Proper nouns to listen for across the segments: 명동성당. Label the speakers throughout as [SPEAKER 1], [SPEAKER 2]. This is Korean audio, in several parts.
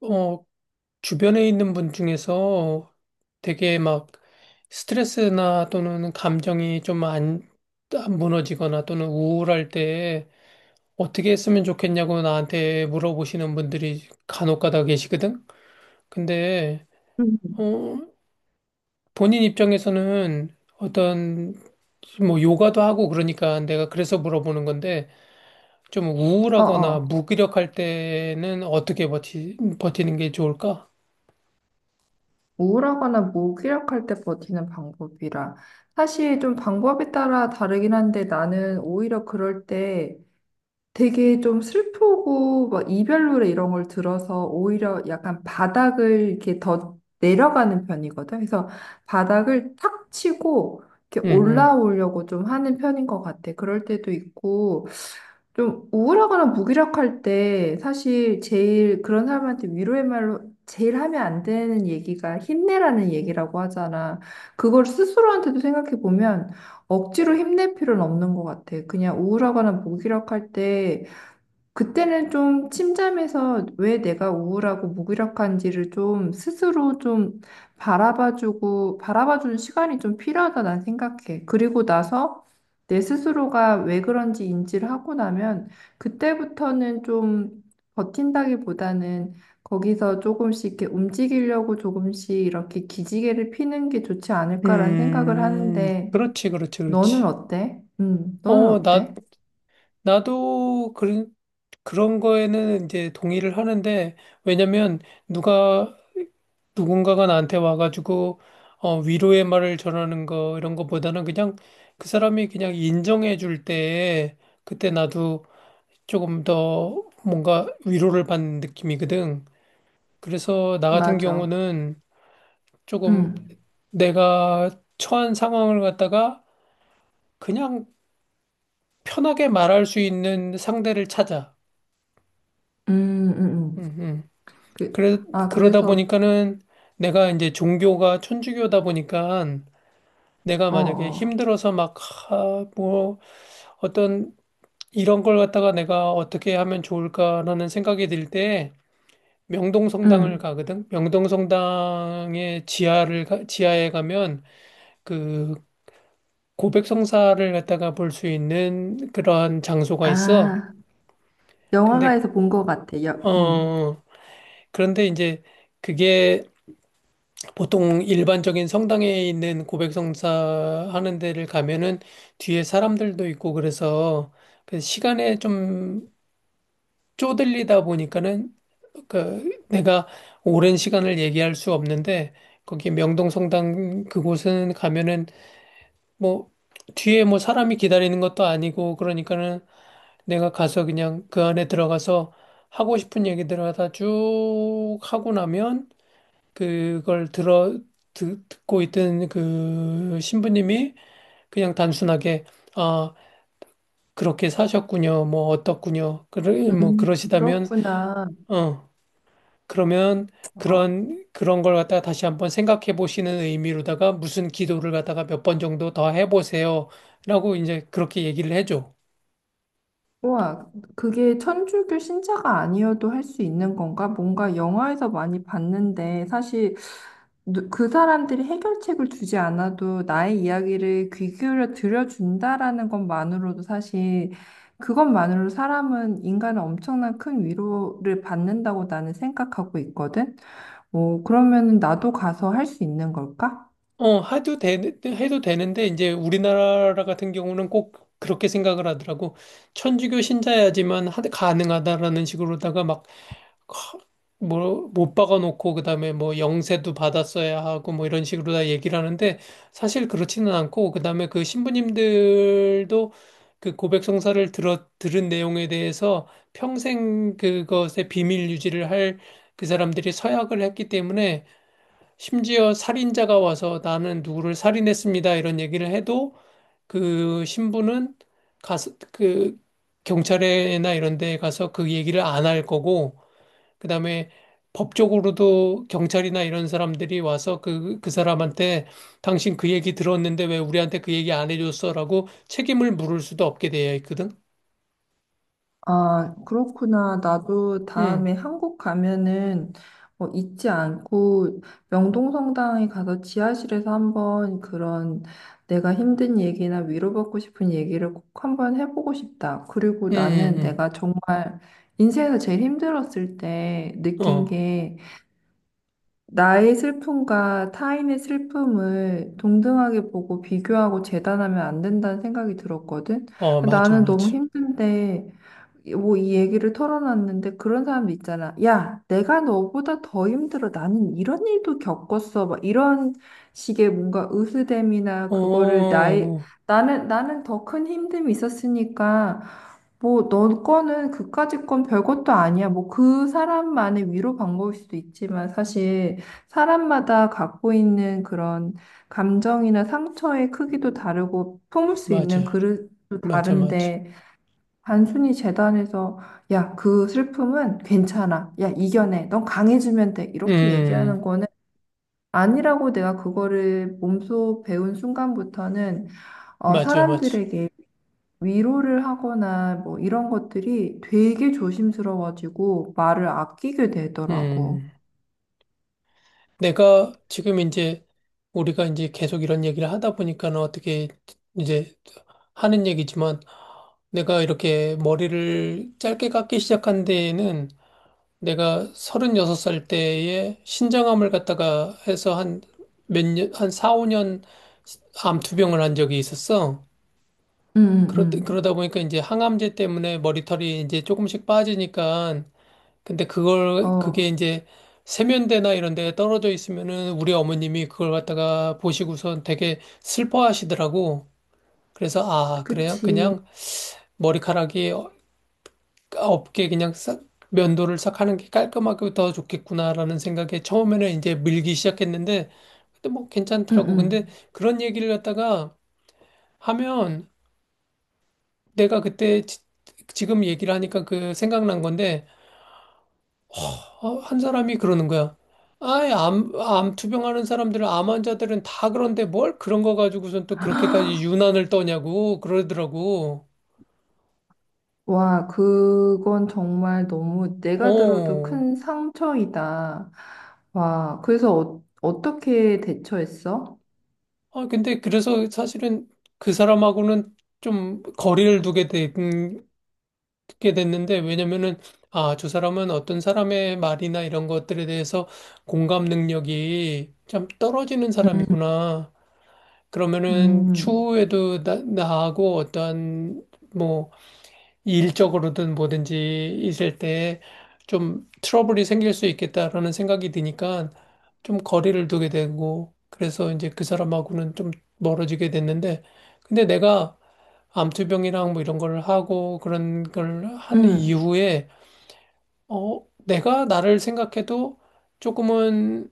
[SPEAKER 1] 어, 주변에 있는 분 중에서 되게 막 스트레스나 또는 감정이 좀 안 무너지거나 또는 우울할 때 어떻게 했으면 좋겠냐고 나한테 물어보시는 분들이 간혹 가다 계시거든? 근데,
[SPEAKER 2] 음.
[SPEAKER 1] 어, 본인 입장에서는 어떤 뭐 요가도 하고 그러니까 내가 그래서 물어보는 건데 좀 우울하거나
[SPEAKER 2] 어어.
[SPEAKER 1] 무기력할 때는 어떻게 버티는 게 좋을까?
[SPEAKER 2] 우울하거나 무기력할 때 버티는 방법이라. 사실 좀 방법에 따라 다르긴 한데 나는 오히려 그럴 때 되게 좀 슬프고 막 이별 노래 이런 걸 들어서 오히려 약간 바닥을 이렇게 더 내려가는 편이거든. 그래서 바닥을 탁 치고 이렇게
[SPEAKER 1] 응, 응.
[SPEAKER 2] 올라오려고 좀 하는 편인 것 같아. 그럴 때도 있고. 좀 우울하거나 무기력할 때 사실 제일 그런 사람한테 위로의 말로 제일 하면 안 되는 얘기가 힘내라는 얘기라고 하잖아. 그걸 스스로한테도 생각해 보면 억지로 힘낼 필요는 없는 것 같아. 그냥 우울하거나 무기력할 때 그때는 좀 침잠해서 왜 내가 우울하고 무기력한지를 좀 스스로 좀 바라봐주고, 바라봐주는 시간이 좀 필요하다 난 생각해. 그리고 나서 내 스스로가 왜 그런지 인지를 하고 나면 그때부터는 좀 버틴다기보다는 거기서 조금씩 이렇게 움직이려고 조금씩 이렇게 기지개를 피는 게 좋지 않을까라는 생각을 하는데,
[SPEAKER 1] 그렇지, 그렇지,
[SPEAKER 2] 너는
[SPEAKER 1] 그렇지.
[SPEAKER 2] 어때? 너는
[SPEAKER 1] 어, 나,
[SPEAKER 2] 어때?
[SPEAKER 1] 나도 그런 거에는 이제 동의를 하는데, 왜냐면 누가, 누군가가 나한테 와가지고, 위로의 말을 전하는 거, 이런 거보다는 그냥 그 사람이 그냥 인정해 줄 때, 그때 나도 조금 더 뭔가 위로를 받는 느낌이거든. 그래서 나 같은
[SPEAKER 2] 맞아.
[SPEAKER 1] 경우는 조금
[SPEAKER 2] 음.
[SPEAKER 1] 내가 처한 상황을 갖다가 그냥 편하게 말할 수 있는 상대를 찾아.
[SPEAKER 2] 음, 음,
[SPEAKER 1] 음,
[SPEAKER 2] 음.
[SPEAKER 1] 음.
[SPEAKER 2] 그,
[SPEAKER 1] 그래,
[SPEAKER 2] 아,
[SPEAKER 1] 그러다
[SPEAKER 2] 그래서,
[SPEAKER 1] 보니까는 내가 이제 종교가 천주교다 보니까 내가
[SPEAKER 2] 어,
[SPEAKER 1] 만약에
[SPEAKER 2] 어.
[SPEAKER 1] 힘들어서 막, 아, 뭐, 어떤 이런 걸 갖다가 내가 어떻게 하면 좋을까라는 생각이 들 때 명동성당을
[SPEAKER 2] 음.
[SPEAKER 1] 가거든. 명동성당의 지하를, 지하에 가면 그 고백성사를 갖다가 볼 수 있는 그러한 장소가 있어.
[SPEAKER 2] 아,
[SPEAKER 1] 근데,
[SPEAKER 2] 영화관에서 본 것 같아. 음.
[SPEAKER 1] 어, 그런데 이제 그게 보통 일반적인 성당에 있는 고백성사 하는 데를 가면은 뒤에 사람들도 있고 그래서 그 시간에 좀 쪼들리다 보니까는 그 내가 오랜 시간을 얘기할 수 없는데 거기 명동성당 그곳은 가면은 뭐 뒤에 뭐 사람이 기다리는 것도 아니고 그러니까는 내가 가서 그냥 그 안에 들어가서 하고 싶은 얘기들 하다 쭉 하고 나면 그걸 듣고 있던 그 신부님이 그냥 단순하게 아 그렇게 사셨군요 뭐 어떻군요 그러 뭐 그러시다면
[SPEAKER 2] 그렇구나.
[SPEAKER 1] 어 그러면
[SPEAKER 2] 어,
[SPEAKER 1] 그런 그런 걸 갖다가 다시 한번 생각해 보시는 의미로다가 무슨 기도를 갖다가 몇 번 정도 더 해보세요라고 이제 그렇게 얘기를 해줘.
[SPEAKER 2] 우와, 그게 천주교 신자가 아니어도 할 수 있는 건가? 뭔가 영화에서 많이 봤는데, 사실 그 사람들이 해결책을 주지 않아도 나의 이야기를 귀 기울여 들어준다라는 것만으로도 사실 그것만으로 사람은 인간은 엄청난 큰 위로를 받는다고 나는 생각하고 있거든. 어, 그러면은 나도 가서 할 수 있는 걸까?
[SPEAKER 1] 어, 해도 되는데, 이제 우리나라 같은 경우는 꼭 그렇게 생각을 하더라고. 천주교 신자야지만 가능하다라는 식으로다가 막 뭐, 못 박아놓고, 그 다음에 뭐, 영세도 받았어야 하고, 뭐, 이런 식으로 다 얘기를 하는데, 사실 그렇지는 않고, 그 다음에 그 신부님들도 그 고백 성사를 들은 내용에 대해서 평생 그것의 비밀 유지를 할 그 사람들이 서약을 했기 때문에, 심지어 살인자가 와서 나는 누구를 살인했습니다, 이런 얘기를 해도, 그 신부는 가서, 그 경찰에나 이런 데 가서 그 얘기를 안 할 거고, 그다음에 법적으로도 경찰이나 이런 사람들이 와서 그, 그 사람한테 당신 그 얘기 들었는데 왜 우리한테 그 얘기 안 해줬어라고 책임을 물을 수도 없게 되어 있거든.
[SPEAKER 2] 아, 그렇구나. 나도
[SPEAKER 1] 응,
[SPEAKER 2] 다음에 한국 가면은 어, 잊지 않고 명동성당에 가서 지하실에서 한번 그런 내가 힘든 얘기나 위로받고 싶은 얘기를 꼭 한번 해보고 싶다. 그리고
[SPEAKER 1] 응,
[SPEAKER 2] 나는
[SPEAKER 1] 응,
[SPEAKER 2] 내가 정말 인생에서 제일 힘들었을 때
[SPEAKER 1] 응.
[SPEAKER 2] 느낀
[SPEAKER 1] 어,
[SPEAKER 2] 게 나의 슬픔과 타인의 슬픔을 동등하게 보고 비교하고 재단하면 안 된다는 생각이 들었거든.
[SPEAKER 1] 어, 맞아,
[SPEAKER 2] 나는 너무
[SPEAKER 1] 맞아.
[SPEAKER 2] 힘든데 뭐 이 얘기를 털어놨는데 그런 사람 있잖아. 야, 내가 너보다 더 힘들어. 나는 이런 일도 겪었어. 막 이런 식의 뭔가 으스댐이나
[SPEAKER 1] 어,
[SPEAKER 2] 그거를 나의
[SPEAKER 1] 어,
[SPEAKER 2] 나는 더 큰 힘듦이 있었으니까 뭐 너 거는 그까짓 건 별것도 아니야. 뭐 그 사람만의 위로 방법일 수도 있지만 사실 사람마다 갖고 있는 그런 감정이나 상처의 크기도
[SPEAKER 1] 음.
[SPEAKER 2] 다르고 품을 수 있는
[SPEAKER 1] 맞아,
[SPEAKER 2] 그릇도
[SPEAKER 1] 맞아, 맞아.
[SPEAKER 2] 다른데 단순히 재단에서 야, 그 슬픔은 괜찮아. 야, 이겨내. 넌 강해지면 돼. 이렇게 얘기하는
[SPEAKER 1] 음,
[SPEAKER 2] 거는 아니라고 내가 그거를 몸소 배운 순간부터는 어,
[SPEAKER 1] 맞아, 맞아.
[SPEAKER 2] 사람들에게 위로를 하거나 뭐 이런 것들이 되게 조심스러워지고 말을 아끼게 되더라고.
[SPEAKER 1] 음. 내가 지금 이제 우리가 이제 계속 이런 얘기를 하다 보니까는 어떻게 이제 하는 얘기지만 내가 이렇게 머리를 짧게 깎기 시작한 데에는 내가 36살 때에 신장암을 갖다가 해서 한 몇 년, 한 4, 5년 암투병을 한 적이 있었어.
[SPEAKER 2] 응,
[SPEAKER 1] 그러,
[SPEAKER 2] 응,
[SPEAKER 1] 그러다 보니까 이제 항암제 때문에 머리털이 이제 조금씩 빠지니까 근데
[SPEAKER 2] 응.
[SPEAKER 1] 그걸 그게
[SPEAKER 2] 어,
[SPEAKER 1] 이제 세면대나 이런 데 떨어져 있으면은 우리 어머님이 그걸 갖다가 보시고선 되게 슬퍼하시더라고. 그래서 아, 그래요?
[SPEAKER 2] 그치.
[SPEAKER 1] 그냥 머리카락이 없게 그냥 싹 면도를 싹 하는 게 깔끔하고 더 좋겠구나라는 생각에 처음에는 이제 밀기 시작했는데 근데 뭐
[SPEAKER 2] 응,
[SPEAKER 1] 괜찮더라고.
[SPEAKER 2] 응.
[SPEAKER 1] 근데 그런 얘기를 갖다가 하면 내가 그때 지, 금 얘기를 하니까 그 생각난 건데 한 사람이 그러는 거야. 아이, 암 투병하는 사람들은 암 환자들은 다 그런데 뭘 그런 거 가지고선 또 그렇게까지 유난을 떠냐고 그러더라고.
[SPEAKER 2] 와, 그건 정말 너무 내가 들어도
[SPEAKER 1] 어.
[SPEAKER 2] 큰 상처이다. 와, 그래서 어, 어떻게 대처했어?
[SPEAKER 1] 아, 근데 그래서 사실은 그 사람하고는 좀 거리를 두게 게 됐는데 왜냐면은 아, 저 사람은 어떤 사람의 말이나 이런 것들에 대해서 공감 능력이 참 떨어지는 사람이구나. 그러면은
[SPEAKER 2] 음,
[SPEAKER 1] 추후에도 나하고 어떠한 뭐 일적으로든 뭐든지 있을 때 좀 트러블이 생길 수 있겠다라는 생각이 드니까 좀 거리를 두게 되고 그래서 이제 그 사람하고는 좀 멀어지게 됐는데 근데 내가 암투병이랑 뭐 이런 걸 하고 그런 걸 한
[SPEAKER 2] 음.
[SPEAKER 1] 이후에 어 내가 나를 생각해도 조금은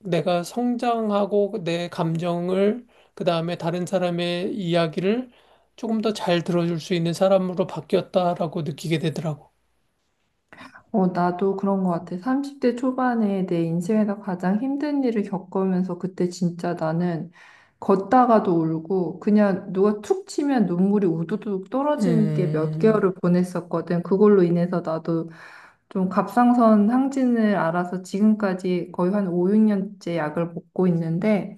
[SPEAKER 1] 내가 성장하고 내 감정을 그다음에 다른 사람의 이야기를 조금 더 잘 들어줄 수 있는 사람으로 바뀌었다라고 느끼게 되더라고.
[SPEAKER 2] 어, 나도 그런 것 같아. 30대 초반에 내 인생에서 가장 힘든 일을 겪으면서 그때 진짜 나는 걷다가도 울고 그냥 누가 툭 치면 눈물이 우두둑 떨어지는 게 몇
[SPEAKER 1] 음,
[SPEAKER 2] 개월을 보냈었거든. 그걸로 인해서 나도 좀 갑상선 항진을 알아서 지금까지 거의 한 5, 6년째 약을 먹고 있는데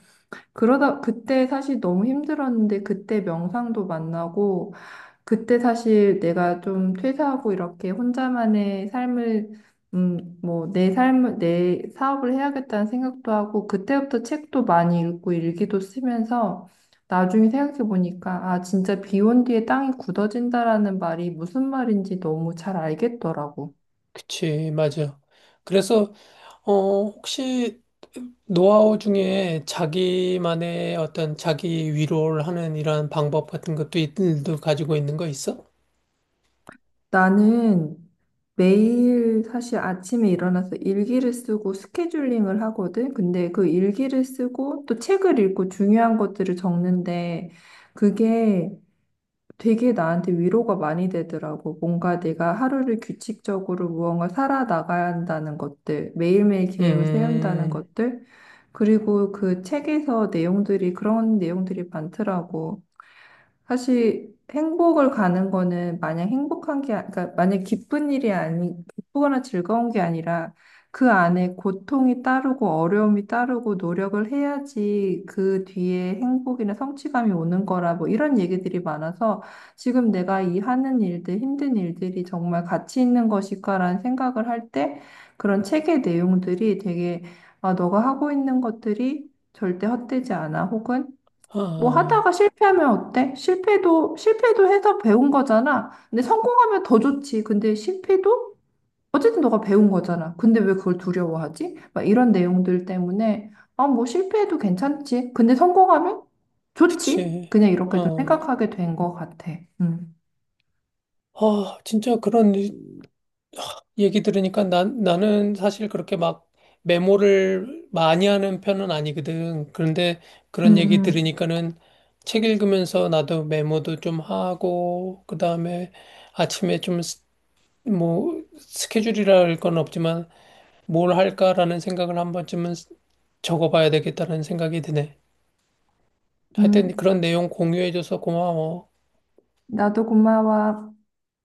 [SPEAKER 2] 그러다 그때 사실 너무 힘들었는데 그때 명상도 만나고 그때 사실 내가 좀 퇴사하고 이렇게 혼자만의 삶을 뭐, 내 삶을, 내 사업을 해야겠다는 생각도 하고, 그때부터 책도 많이 읽고 일기도 쓰면서, 나중에 생각해보니까, 아, 진짜 비온 뒤에 땅이 굳어진다라는 말이 무슨 말인지 너무 잘 알겠더라고.
[SPEAKER 1] 그치, 맞아. 그래서, 혹시 노하우 중에 자기만의 어떤 자기 위로를 하는 이런 방법 같은 것도 있들도 가지고 있는 거 있어?
[SPEAKER 2] 나는 매일 사실 아침에 일어나서 일기를 쓰고 스케줄링을 하거든. 근데 그 일기를 쓰고 또 책을 읽고 중요한 것들을 적는데 그게 되게 나한테 위로가 많이 되더라고. 뭔가 내가 하루를 규칙적으로 무언가 살아나가야 한다는 것들, 매일매일 계획을 세운다는
[SPEAKER 1] 음,
[SPEAKER 2] 것들, 그리고 그 책에서 내용들이 그런 내용들이 많더라고. 사실 행복을 가는 거는 마냥 행복한 게, 그러니까 만약 기쁜 일이 아니, 기쁘거나 즐거운 게 아니라 그 안에 고통이 따르고 어려움이 따르고 노력을 해야지 그 뒤에 행복이나 성취감이 오는 거라 뭐 이런 얘기들이 많아서 지금 내가 이 하는 일들, 힘든 일들이 정말 가치 있는 것일까라는 생각을 할 때 그런 책의 내용들이 되게 아, 너가 하고 있는 것들이 절대 헛되지 않아 혹은 뭐 하다가
[SPEAKER 1] 아,
[SPEAKER 2] 실패하면 어때? 실패도 해서 배운 거잖아. 근데 성공하면 더 좋지. 근데 실패도 어쨌든 너가 배운 거잖아. 근데 왜 그걸 두려워하지? 막 이런 내용들 때문에, 아, 뭐 실패해도 괜찮지. 근데 성공하면 좋지.
[SPEAKER 1] 그치.
[SPEAKER 2] 그냥 이렇게 좀
[SPEAKER 1] 어,
[SPEAKER 2] 생각하게 된 것 같아. 음.
[SPEAKER 1] 아, 진짜 그런 얘기 들으니까 나는 사실 그렇게 막 메모를 많이 하는 편은 아니거든. 그런데
[SPEAKER 2] 음,
[SPEAKER 1] 그런 얘기
[SPEAKER 2] 음.
[SPEAKER 1] 들으니까는 책 읽으면서 나도 메모도 좀 하고, 그 다음에 아침에 좀 뭐, 스케줄이라 할 건 없지만 뭘 할까라는 생각을 한 번쯤은 적어봐야 되겠다는 생각이 드네. 하여튼
[SPEAKER 2] 음.
[SPEAKER 1] 그런 내용 공유해줘서 고마워.
[SPEAKER 2] 나도 고마워.